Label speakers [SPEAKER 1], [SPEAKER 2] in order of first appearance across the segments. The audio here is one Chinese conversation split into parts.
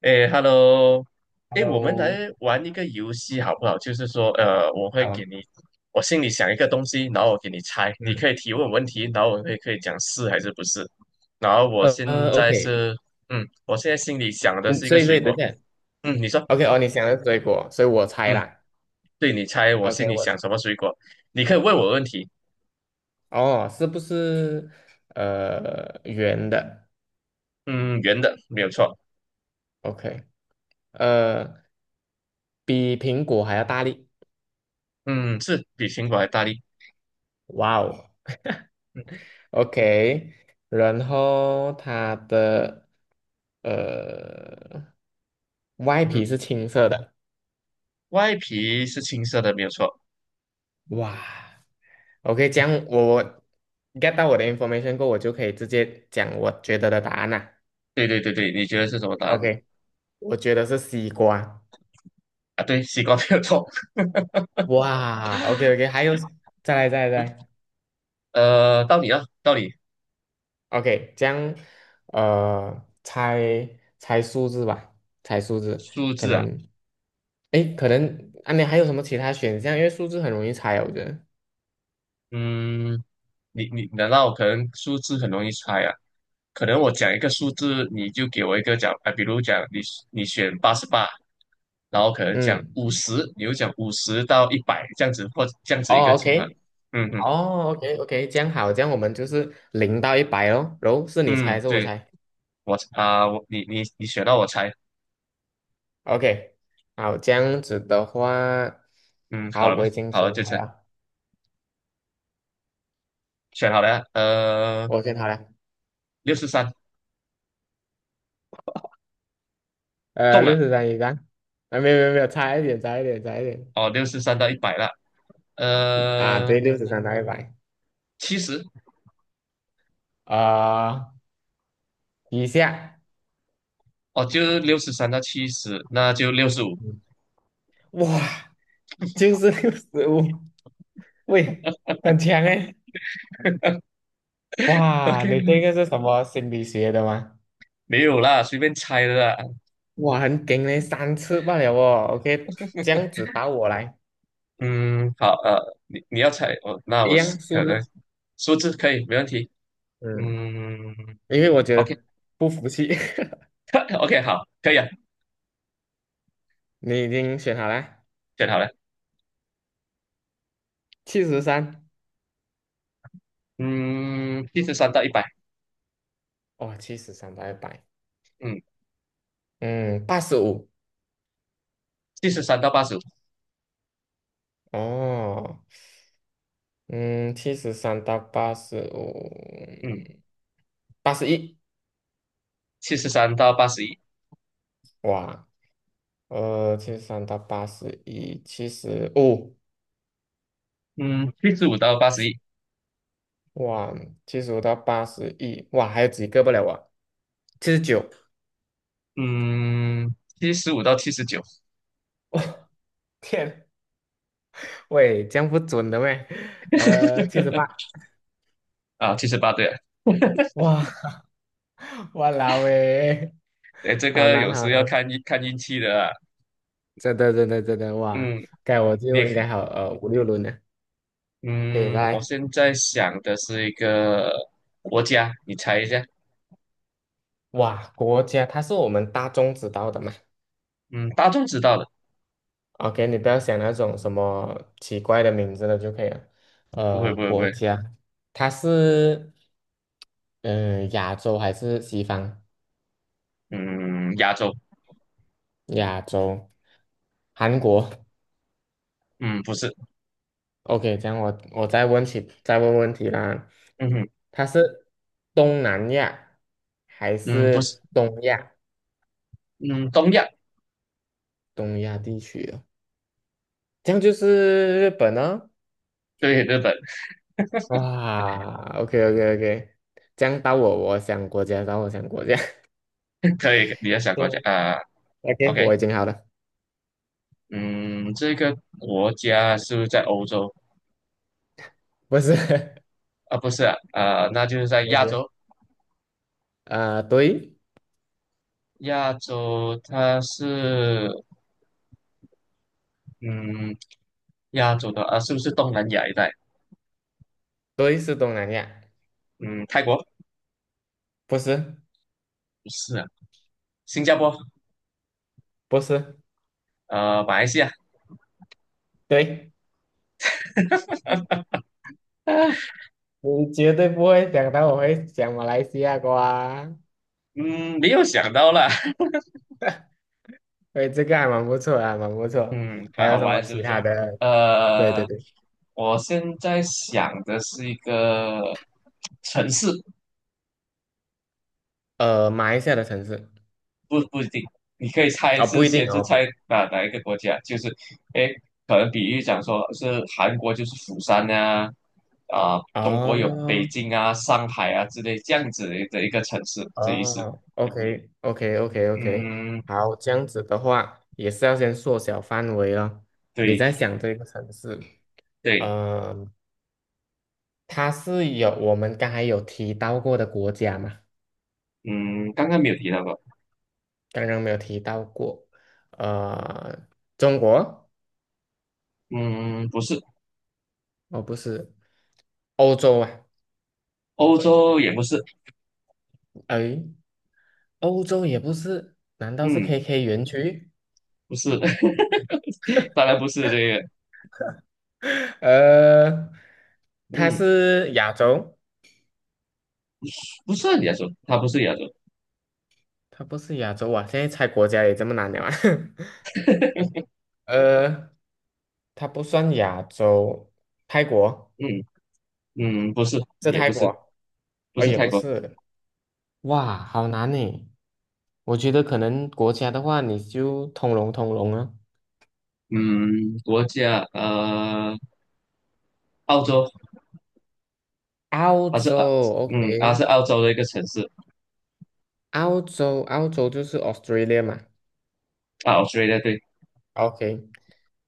[SPEAKER 1] 哎，Hello。哎，我们
[SPEAKER 2] Hello，
[SPEAKER 1] 来玩一个游戏好不好？就是说，我会给
[SPEAKER 2] 好，
[SPEAKER 1] 你，我心里想一个东西，然后我给你猜。你可
[SPEAKER 2] 嗯，
[SPEAKER 1] 以提问问题，然后我会可以讲是还是不是。然后我现在
[SPEAKER 2] OK，
[SPEAKER 1] 是，我现在心里想的
[SPEAKER 2] 嗯，
[SPEAKER 1] 是一
[SPEAKER 2] 所
[SPEAKER 1] 个
[SPEAKER 2] 以所
[SPEAKER 1] 水
[SPEAKER 2] 以
[SPEAKER 1] 果。
[SPEAKER 2] 等一下
[SPEAKER 1] 嗯，你说。
[SPEAKER 2] ，OK，哦，你想的是水果，所以我猜
[SPEAKER 1] 嗯，
[SPEAKER 2] 啦
[SPEAKER 1] 对，你猜我心
[SPEAKER 2] ，OK，
[SPEAKER 1] 里
[SPEAKER 2] 我
[SPEAKER 1] 想什么水果？你可以问我问题。
[SPEAKER 2] 哦，是不是圆的
[SPEAKER 1] 嗯，圆的，没有错。
[SPEAKER 2] ？OK，呃，比苹果还要大力，
[SPEAKER 1] 嗯，是比苹果还大力。
[SPEAKER 2] 哇哦
[SPEAKER 1] 嗯
[SPEAKER 2] ，OK，然后它的呃外
[SPEAKER 1] 嗯
[SPEAKER 2] 皮
[SPEAKER 1] 哼，
[SPEAKER 2] 是青色的，
[SPEAKER 1] 外皮是青色的，没有错。
[SPEAKER 2] 哇，OK，这样我 get 到我的 information 过后，我就可以直接讲我觉得的答案啦。
[SPEAKER 1] 对对对对，你觉得是什么答案？
[SPEAKER 2] OK,我觉得是西瓜。
[SPEAKER 1] 啊，对，西瓜没有错。
[SPEAKER 2] 哇，OK OK,还有，再来再来再来
[SPEAKER 1] 到你啊，到你。
[SPEAKER 2] ，OK,这样，猜猜数字吧，猜数字，
[SPEAKER 1] 数
[SPEAKER 2] 可
[SPEAKER 1] 字啊。
[SPEAKER 2] 能，诶，可能啊，你还有什么其他选项？因为数字很容易猜，我觉得。
[SPEAKER 1] 嗯，你难道可能数字很容易猜啊？可能我讲一个数字，你就给我一个讲啊，比如讲你选88，然后可能讲
[SPEAKER 2] 嗯，
[SPEAKER 1] 五十，你就讲五十到一百这样子，或这样子一个
[SPEAKER 2] 哦
[SPEAKER 1] 情况。
[SPEAKER 2] ，OK,
[SPEAKER 1] 嗯嗯
[SPEAKER 2] 哦，OK OK,这样好，这样我们就是0到一百哦，然后是你猜
[SPEAKER 1] 嗯，
[SPEAKER 2] 还是我
[SPEAKER 1] 对，
[SPEAKER 2] 猜
[SPEAKER 1] 我啊，我你选到我猜。
[SPEAKER 2] ？OK,好，这样子的话，
[SPEAKER 1] 嗯，好
[SPEAKER 2] 好，
[SPEAKER 1] 了吗？
[SPEAKER 2] 我已经
[SPEAKER 1] 好了，
[SPEAKER 2] 选
[SPEAKER 1] 就
[SPEAKER 2] 好
[SPEAKER 1] 猜。
[SPEAKER 2] 了，
[SPEAKER 1] 选好了啊。
[SPEAKER 2] 我选好了。
[SPEAKER 1] 六十三中了。
[SPEAKER 2] 六十三一上，啊，没有没有没有，差一点，差一点，差一点，
[SPEAKER 1] 哦，六十三到一百了。
[SPEAKER 2] 啊，
[SPEAKER 1] 呃，
[SPEAKER 2] 对，六十三到一百，
[SPEAKER 1] 七十。
[SPEAKER 2] 啊，以下，
[SPEAKER 1] 哦，就六十三到七十，那就65。
[SPEAKER 2] 嗯哇，就是65，喂，很强哎，哇，你
[SPEAKER 1] OK，
[SPEAKER 2] 这个是什么心理学的吗？
[SPEAKER 1] 没有啦，随便猜的啦。
[SPEAKER 2] 哇，很顶嘞，3次罢了哦，OK,这样子打我来，
[SPEAKER 1] 嗯，好，你要猜。哦，那
[SPEAKER 2] 一
[SPEAKER 1] 我
[SPEAKER 2] 样
[SPEAKER 1] 是
[SPEAKER 2] 数
[SPEAKER 1] 可能
[SPEAKER 2] 字，
[SPEAKER 1] 数字可以，没问题。
[SPEAKER 2] 嗯，
[SPEAKER 1] 嗯
[SPEAKER 2] 因为我觉得不服气，
[SPEAKER 1] ，OK，OK，好，可以啊。
[SPEAKER 2] 你已经选好了，
[SPEAKER 1] 选好了。
[SPEAKER 2] 七十三，
[SPEAKER 1] 嗯，七十三到一百。
[SPEAKER 2] 哦，七十三到一百，
[SPEAKER 1] 嗯，
[SPEAKER 2] 嗯，八十五。
[SPEAKER 1] 七十三到85。
[SPEAKER 2] 哦，嗯，七十三到八十五，
[SPEAKER 1] 嗯，
[SPEAKER 2] 八十一，
[SPEAKER 1] 七十三到八十一。
[SPEAKER 2] 哇，七十三到八十一，七十五，
[SPEAKER 1] 嗯，七十五到八十一。
[SPEAKER 2] 哇，七十五到八十一，哇，还有几个不了我？79，
[SPEAKER 1] 嗯，七十五到79。
[SPEAKER 2] 天，喂，这样不准的喂，78，
[SPEAKER 1] 啊，78对了。
[SPEAKER 2] 哇，哇啦喂，
[SPEAKER 1] 哎，这
[SPEAKER 2] 好
[SPEAKER 1] 个
[SPEAKER 2] 难
[SPEAKER 1] 有
[SPEAKER 2] 好
[SPEAKER 1] 时要
[SPEAKER 2] 难，
[SPEAKER 1] 看运气的啊。
[SPEAKER 2] 真的真的真的哇，
[SPEAKER 1] 嗯，
[SPEAKER 2] 该我
[SPEAKER 1] 你
[SPEAKER 2] 就
[SPEAKER 1] 也。
[SPEAKER 2] 应该好五六轮了，给以
[SPEAKER 1] 嗯，我
[SPEAKER 2] 来，
[SPEAKER 1] 现在想的是一个国家，你猜一下。
[SPEAKER 2] 哇，国家它是我们大众知道的嘛。
[SPEAKER 1] 嗯，大众知道的。
[SPEAKER 2] OK,你不要想那种什么奇怪的名字了就可以了。
[SPEAKER 1] 不会不会不
[SPEAKER 2] 国
[SPEAKER 1] 会。
[SPEAKER 2] 家，它是亚洲还是西方？
[SPEAKER 1] 嗯，亚洲。
[SPEAKER 2] 亚洲，韩国。
[SPEAKER 1] 嗯，不是。
[SPEAKER 2] OK,这样我再问问题啦。
[SPEAKER 1] 嗯哼。
[SPEAKER 2] 它是东南亚还
[SPEAKER 1] 嗯，不是。
[SPEAKER 2] 是东亚？
[SPEAKER 1] 嗯，东亚。
[SPEAKER 2] 东亚地区的，这样就是日本呢、
[SPEAKER 1] 对，日本。
[SPEAKER 2] 哇，OK OK OK,这样到我想国家，到我想国家。
[SPEAKER 1] 可以，你要想国家 啊
[SPEAKER 2] OK,
[SPEAKER 1] ，OK。
[SPEAKER 2] 我已经好了，
[SPEAKER 1] 嗯，这个国家是不是在欧洲
[SPEAKER 2] 不是，
[SPEAKER 1] 啊？不是啊。啊，那就是在
[SPEAKER 2] 不
[SPEAKER 1] 亚
[SPEAKER 2] 是，
[SPEAKER 1] 洲。
[SPEAKER 2] 对，
[SPEAKER 1] 亚洲它是，嗯，亚洲的啊，是不是东南亚一带？
[SPEAKER 2] 对是东南亚，
[SPEAKER 1] 嗯，泰国。
[SPEAKER 2] 不是，
[SPEAKER 1] 不是啊，新加坡，
[SPEAKER 2] 不是，
[SPEAKER 1] 马来西亚。
[SPEAKER 2] 对，啊，你绝对不会想到我会讲马来西亚瓜，
[SPEAKER 1] 嗯，没有想到啦。
[SPEAKER 2] 对，这个还蛮不错啊，蛮不 错。
[SPEAKER 1] 嗯，
[SPEAKER 2] 还
[SPEAKER 1] 蛮
[SPEAKER 2] 有
[SPEAKER 1] 好
[SPEAKER 2] 什么
[SPEAKER 1] 玩，是
[SPEAKER 2] 其
[SPEAKER 1] 不是？
[SPEAKER 2] 他的？对对
[SPEAKER 1] 呃，
[SPEAKER 2] 对，
[SPEAKER 1] 我现在想的是一个城市。
[SPEAKER 2] 马来西亚的城市，
[SPEAKER 1] 不不一定，你可以猜
[SPEAKER 2] 哦，
[SPEAKER 1] 是
[SPEAKER 2] 不一定
[SPEAKER 1] 先是
[SPEAKER 2] 哦，不
[SPEAKER 1] 猜哪一个国家，就是，诶，可能比喻讲说是韩国就是釜山啊，啊、中国有北
[SPEAKER 2] 哦，
[SPEAKER 1] 京啊、上海啊之类这样子的一的一个城市这意思。
[SPEAKER 2] 哦，OK OK OK OK,
[SPEAKER 1] 嗯，
[SPEAKER 2] 好，这样子的话也是要先缩小范围了，你
[SPEAKER 1] 对
[SPEAKER 2] 在想这个城市。
[SPEAKER 1] 对。
[SPEAKER 2] 呃，它是有我们刚才有提到过的国家嘛？
[SPEAKER 1] 嗯，刚刚没有提到过。
[SPEAKER 2] 刚刚没有提到过，呃，中国
[SPEAKER 1] 嗯，不是。
[SPEAKER 2] 哦，不是欧洲啊，
[SPEAKER 1] 欧洲也不是。
[SPEAKER 2] 哎，欧洲也不是，难道是
[SPEAKER 1] 嗯。
[SPEAKER 2] KK 园区？
[SPEAKER 1] 不是，当然不是这个。
[SPEAKER 2] 呃，它
[SPEAKER 1] 嗯，
[SPEAKER 2] 是亚洲，
[SPEAKER 1] 不是亚洲，它不是亚洲。
[SPEAKER 2] 它不是亚洲啊，现在猜国家也这么难了啊，呃，它不算亚洲，泰国
[SPEAKER 1] 嗯嗯，不是。
[SPEAKER 2] 是
[SPEAKER 1] 也
[SPEAKER 2] 泰
[SPEAKER 1] 不是，
[SPEAKER 2] 国，
[SPEAKER 1] 不
[SPEAKER 2] 哦，
[SPEAKER 1] 是
[SPEAKER 2] 也
[SPEAKER 1] 泰
[SPEAKER 2] 不
[SPEAKER 1] 国。
[SPEAKER 2] 是，哇，好难呢。我觉得可能国家的话，你就通融通融啊。
[SPEAKER 1] 嗯，国家，澳洲。
[SPEAKER 2] 澳
[SPEAKER 1] 它是
[SPEAKER 2] 洲
[SPEAKER 1] 啊。嗯，它是
[SPEAKER 2] ，OK,
[SPEAKER 1] 澳洲的一个城市。
[SPEAKER 2] 澳洲，澳洲就是 Australia 嘛
[SPEAKER 1] 啊，Australia 对。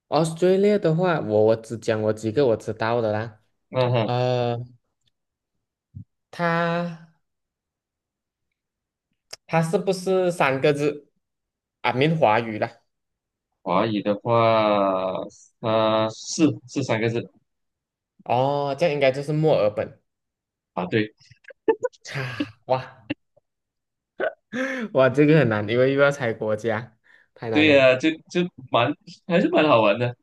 [SPEAKER 2] ，OK，Australia 的话，我只讲我几个我知道的啦。
[SPEAKER 1] 嗯哼，
[SPEAKER 2] 呃，它它是不是3个字啊？闽华语啦。
[SPEAKER 1] 华语的话，是三个字
[SPEAKER 2] 哦，这样应该就是墨尔本。
[SPEAKER 1] 啊。对
[SPEAKER 2] 哈，哇 哇，这个很难，因为又要猜国家，太难
[SPEAKER 1] 对
[SPEAKER 2] 了，
[SPEAKER 1] 呀、就蛮还是蛮好玩的。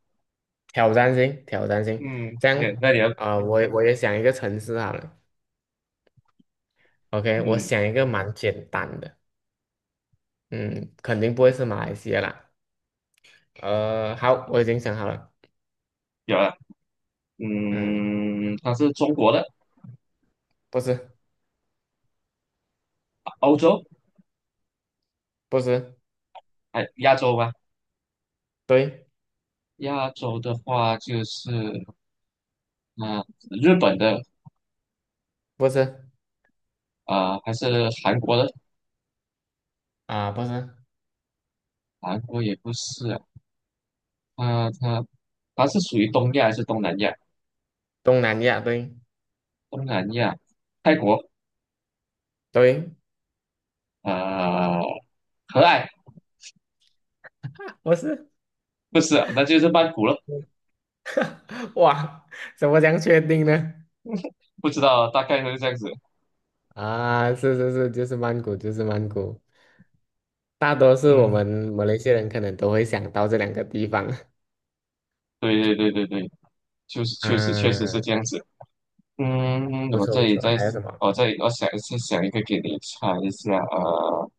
[SPEAKER 2] 挑战性，挑战性。
[SPEAKER 1] 嗯，
[SPEAKER 2] 这样
[SPEAKER 1] 那你要。
[SPEAKER 2] 我也想一个城市好了。OK,我
[SPEAKER 1] 嗯，
[SPEAKER 2] 想一个蛮简单的，嗯，肯定不会是马来西亚啦。好，我已经想好了，
[SPEAKER 1] 有啊。
[SPEAKER 2] 嗯，
[SPEAKER 1] 嗯，它是中国的。
[SPEAKER 2] 不是，
[SPEAKER 1] 欧洲。
[SPEAKER 2] 不是，
[SPEAKER 1] 哎，亚洲吗？
[SPEAKER 2] 对，
[SPEAKER 1] 亚洲的话，就是日本的。
[SPEAKER 2] 不是，
[SPEAKER 1] 啊、还是韩国的？
[SPEAKER 2] 啊、不是，
[SPEAKER 1] 韩国也不是啊。它它它是属于东亚还是东南亚？
[SPEAKER 2] 东南亚，对，
[SPEAKER 1] 东南亚。泰国。
[SPEAKER 2] 对，
[SPEAKER 1] 呃，和爱。
[SPEAKER 2] 不是，
[SPEAKER 1] 不是啊那就是曼谷了。
[SPEAKER 2] 哇，怎么这样确定呢？
[SPEAKER 1] 不知道，大概就是这样子。
[SPEAKER 2] 啊，是是是，就是曼谷，就是曼谷，大多数我
[SPEAKER 1] 嗯，
[SPEAKER 2] 们马来西亚人可能都会想到这2个地方。
[SPEAKER 1] 对对对对对，就是确实确实是
[SPEAKER 2] 啊，
[SPEAKER 1] 这样子。嗯，
[SPEAKER 2] 不
[SPEAKER 1] 我
[SPEAKER 2] 错
[SPEAKER 1] 这
[SPEAKER 2] 不
[SPEAKER 1] 里
[SPEAKER 2] 错，
[SPEAKER 1] 再，
[SPEAKER 2] 还有什么
[SPEAKER 1] 我这里我想再想一个给你猜一下啊、呃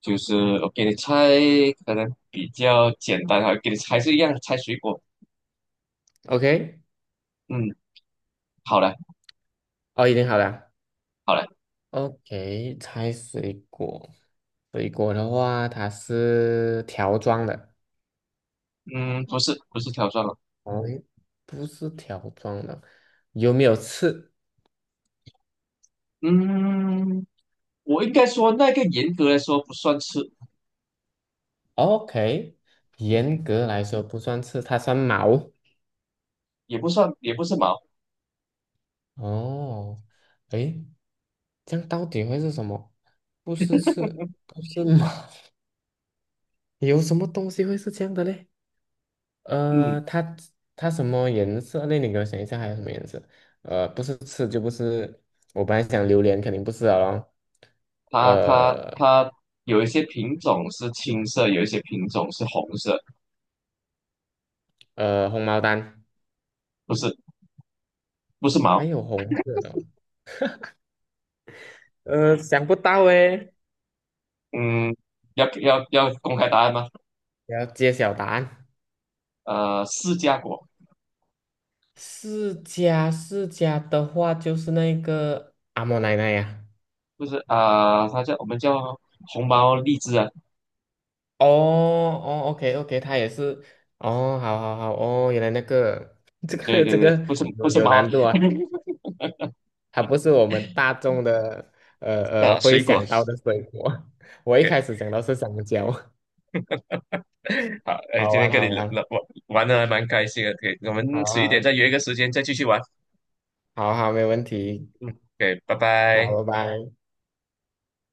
[SPEAKER 1] 就是我给你猜，可能比较简单啊，给你猜是一样猜水果。
[SPEAKER 2] ？OK,
[SPEAKER 1] 嗯，好嘞，
[SPEAKER 2] 哦，已经好了。
[SPEAKER 1] 好嘞。
[SPEAKER 2] OK,猜水果。水果的话，它是条状的。
[SPEAKER 1] 嗯，不是不是挑战了。
[SPEAKER 2] 哦，诶不是条状的，有没有刺
[SPEAKER 1] 嗯，我应该说那个严格来说不算吃。
[SPEAKER 2] ？OK,严格来说不算刺，它算毛。
[SPEAKER 1] 也不算也不是毛。
[SPEAKER 2] 哦，诶，这样到底会是什么？不是刺，不是毛，有什么东西会是这样的嘞？呃，
[SPEAKER 1] 嗯，
[SPEAKER 2] 它它什么颜色？那你给我想一下，还有什么颜色？不是刺就不是，我本来想榴莲，肯定不是了咯。
[SPEAKER 1] 它它
[SPEAKER 2] 呃
[SPEAKER 1] 它有一些品种是青色，有一些品种是红色。
[SPEAKER 2] 红毛丹
[SPEAKER 1] 不是不是
[SPEAKER 2] 还
[SPEAKER 1] 毛。
[SPEAKER 2] 有红色的哦 想不到诶，
[SPEAKER 1] 嗯，要公开答案吗？
[SPEAKER 2] 要揭晓答案。
[SPEAKER 1] 释迦果。
[SPEAKER 2] 释迦，释迦的话就是那个阿嬷奶奶呀、
[SPEAKER 1] 不是啊、它叫我们叫红毛荔枝啊。
[SPEAKER 2] 哦哦，OK OK,它也是。哦，好好好，哦，原来那个 这
[SPEAKER 1] 对
[SPEAKER 2] 个
[SPEAKER 1] 对
[SPEAKER 2] 这
[SPEAKER 1] 对，
[SPEAKER 2] 个
[SPEAKER 1] 不是不
[SPEAKER 2] 有
[SPEAKER 1] 是
[SPEAKER 2] 有
[SPEAKER 1] 毛啊。
[SPEAKER 2] 难度啊。它不是我们大众的呃
[SPEAKER 1] 啊
[SPEAKER 2] 会
[SPEAKER 1] 水果。
[SPEAKER 2] 想到的水果。我一
[SPEAKER 1] 对。
[SPEAKER 2] 开始想到是香蕉，
[SPEAKER 1] 好，哎，
[SPEAKER 2] 好
[SPEAKER 1] 今天
[SPEAKER 2] 玩
[SPEAKER 1] 跟
[SPEAKER 2] 好
[SPEAKER 1] 你
[SPEAKER 2] 玩，
[SPEAKER 1] 聊玩玩的还蛮开心的，可以，我
[SPEAKER 2] 好
[SPEAKER 1] 们迟一点
[SPEAKER 2] 好
[SPEAKER 1] 再约一个时间再继续玩。
[SPEAKER 2] 好好，没问题，
[SPEAKER 1] 嗯对，拜拜。
[SPEAKER 2] 好，拜拜。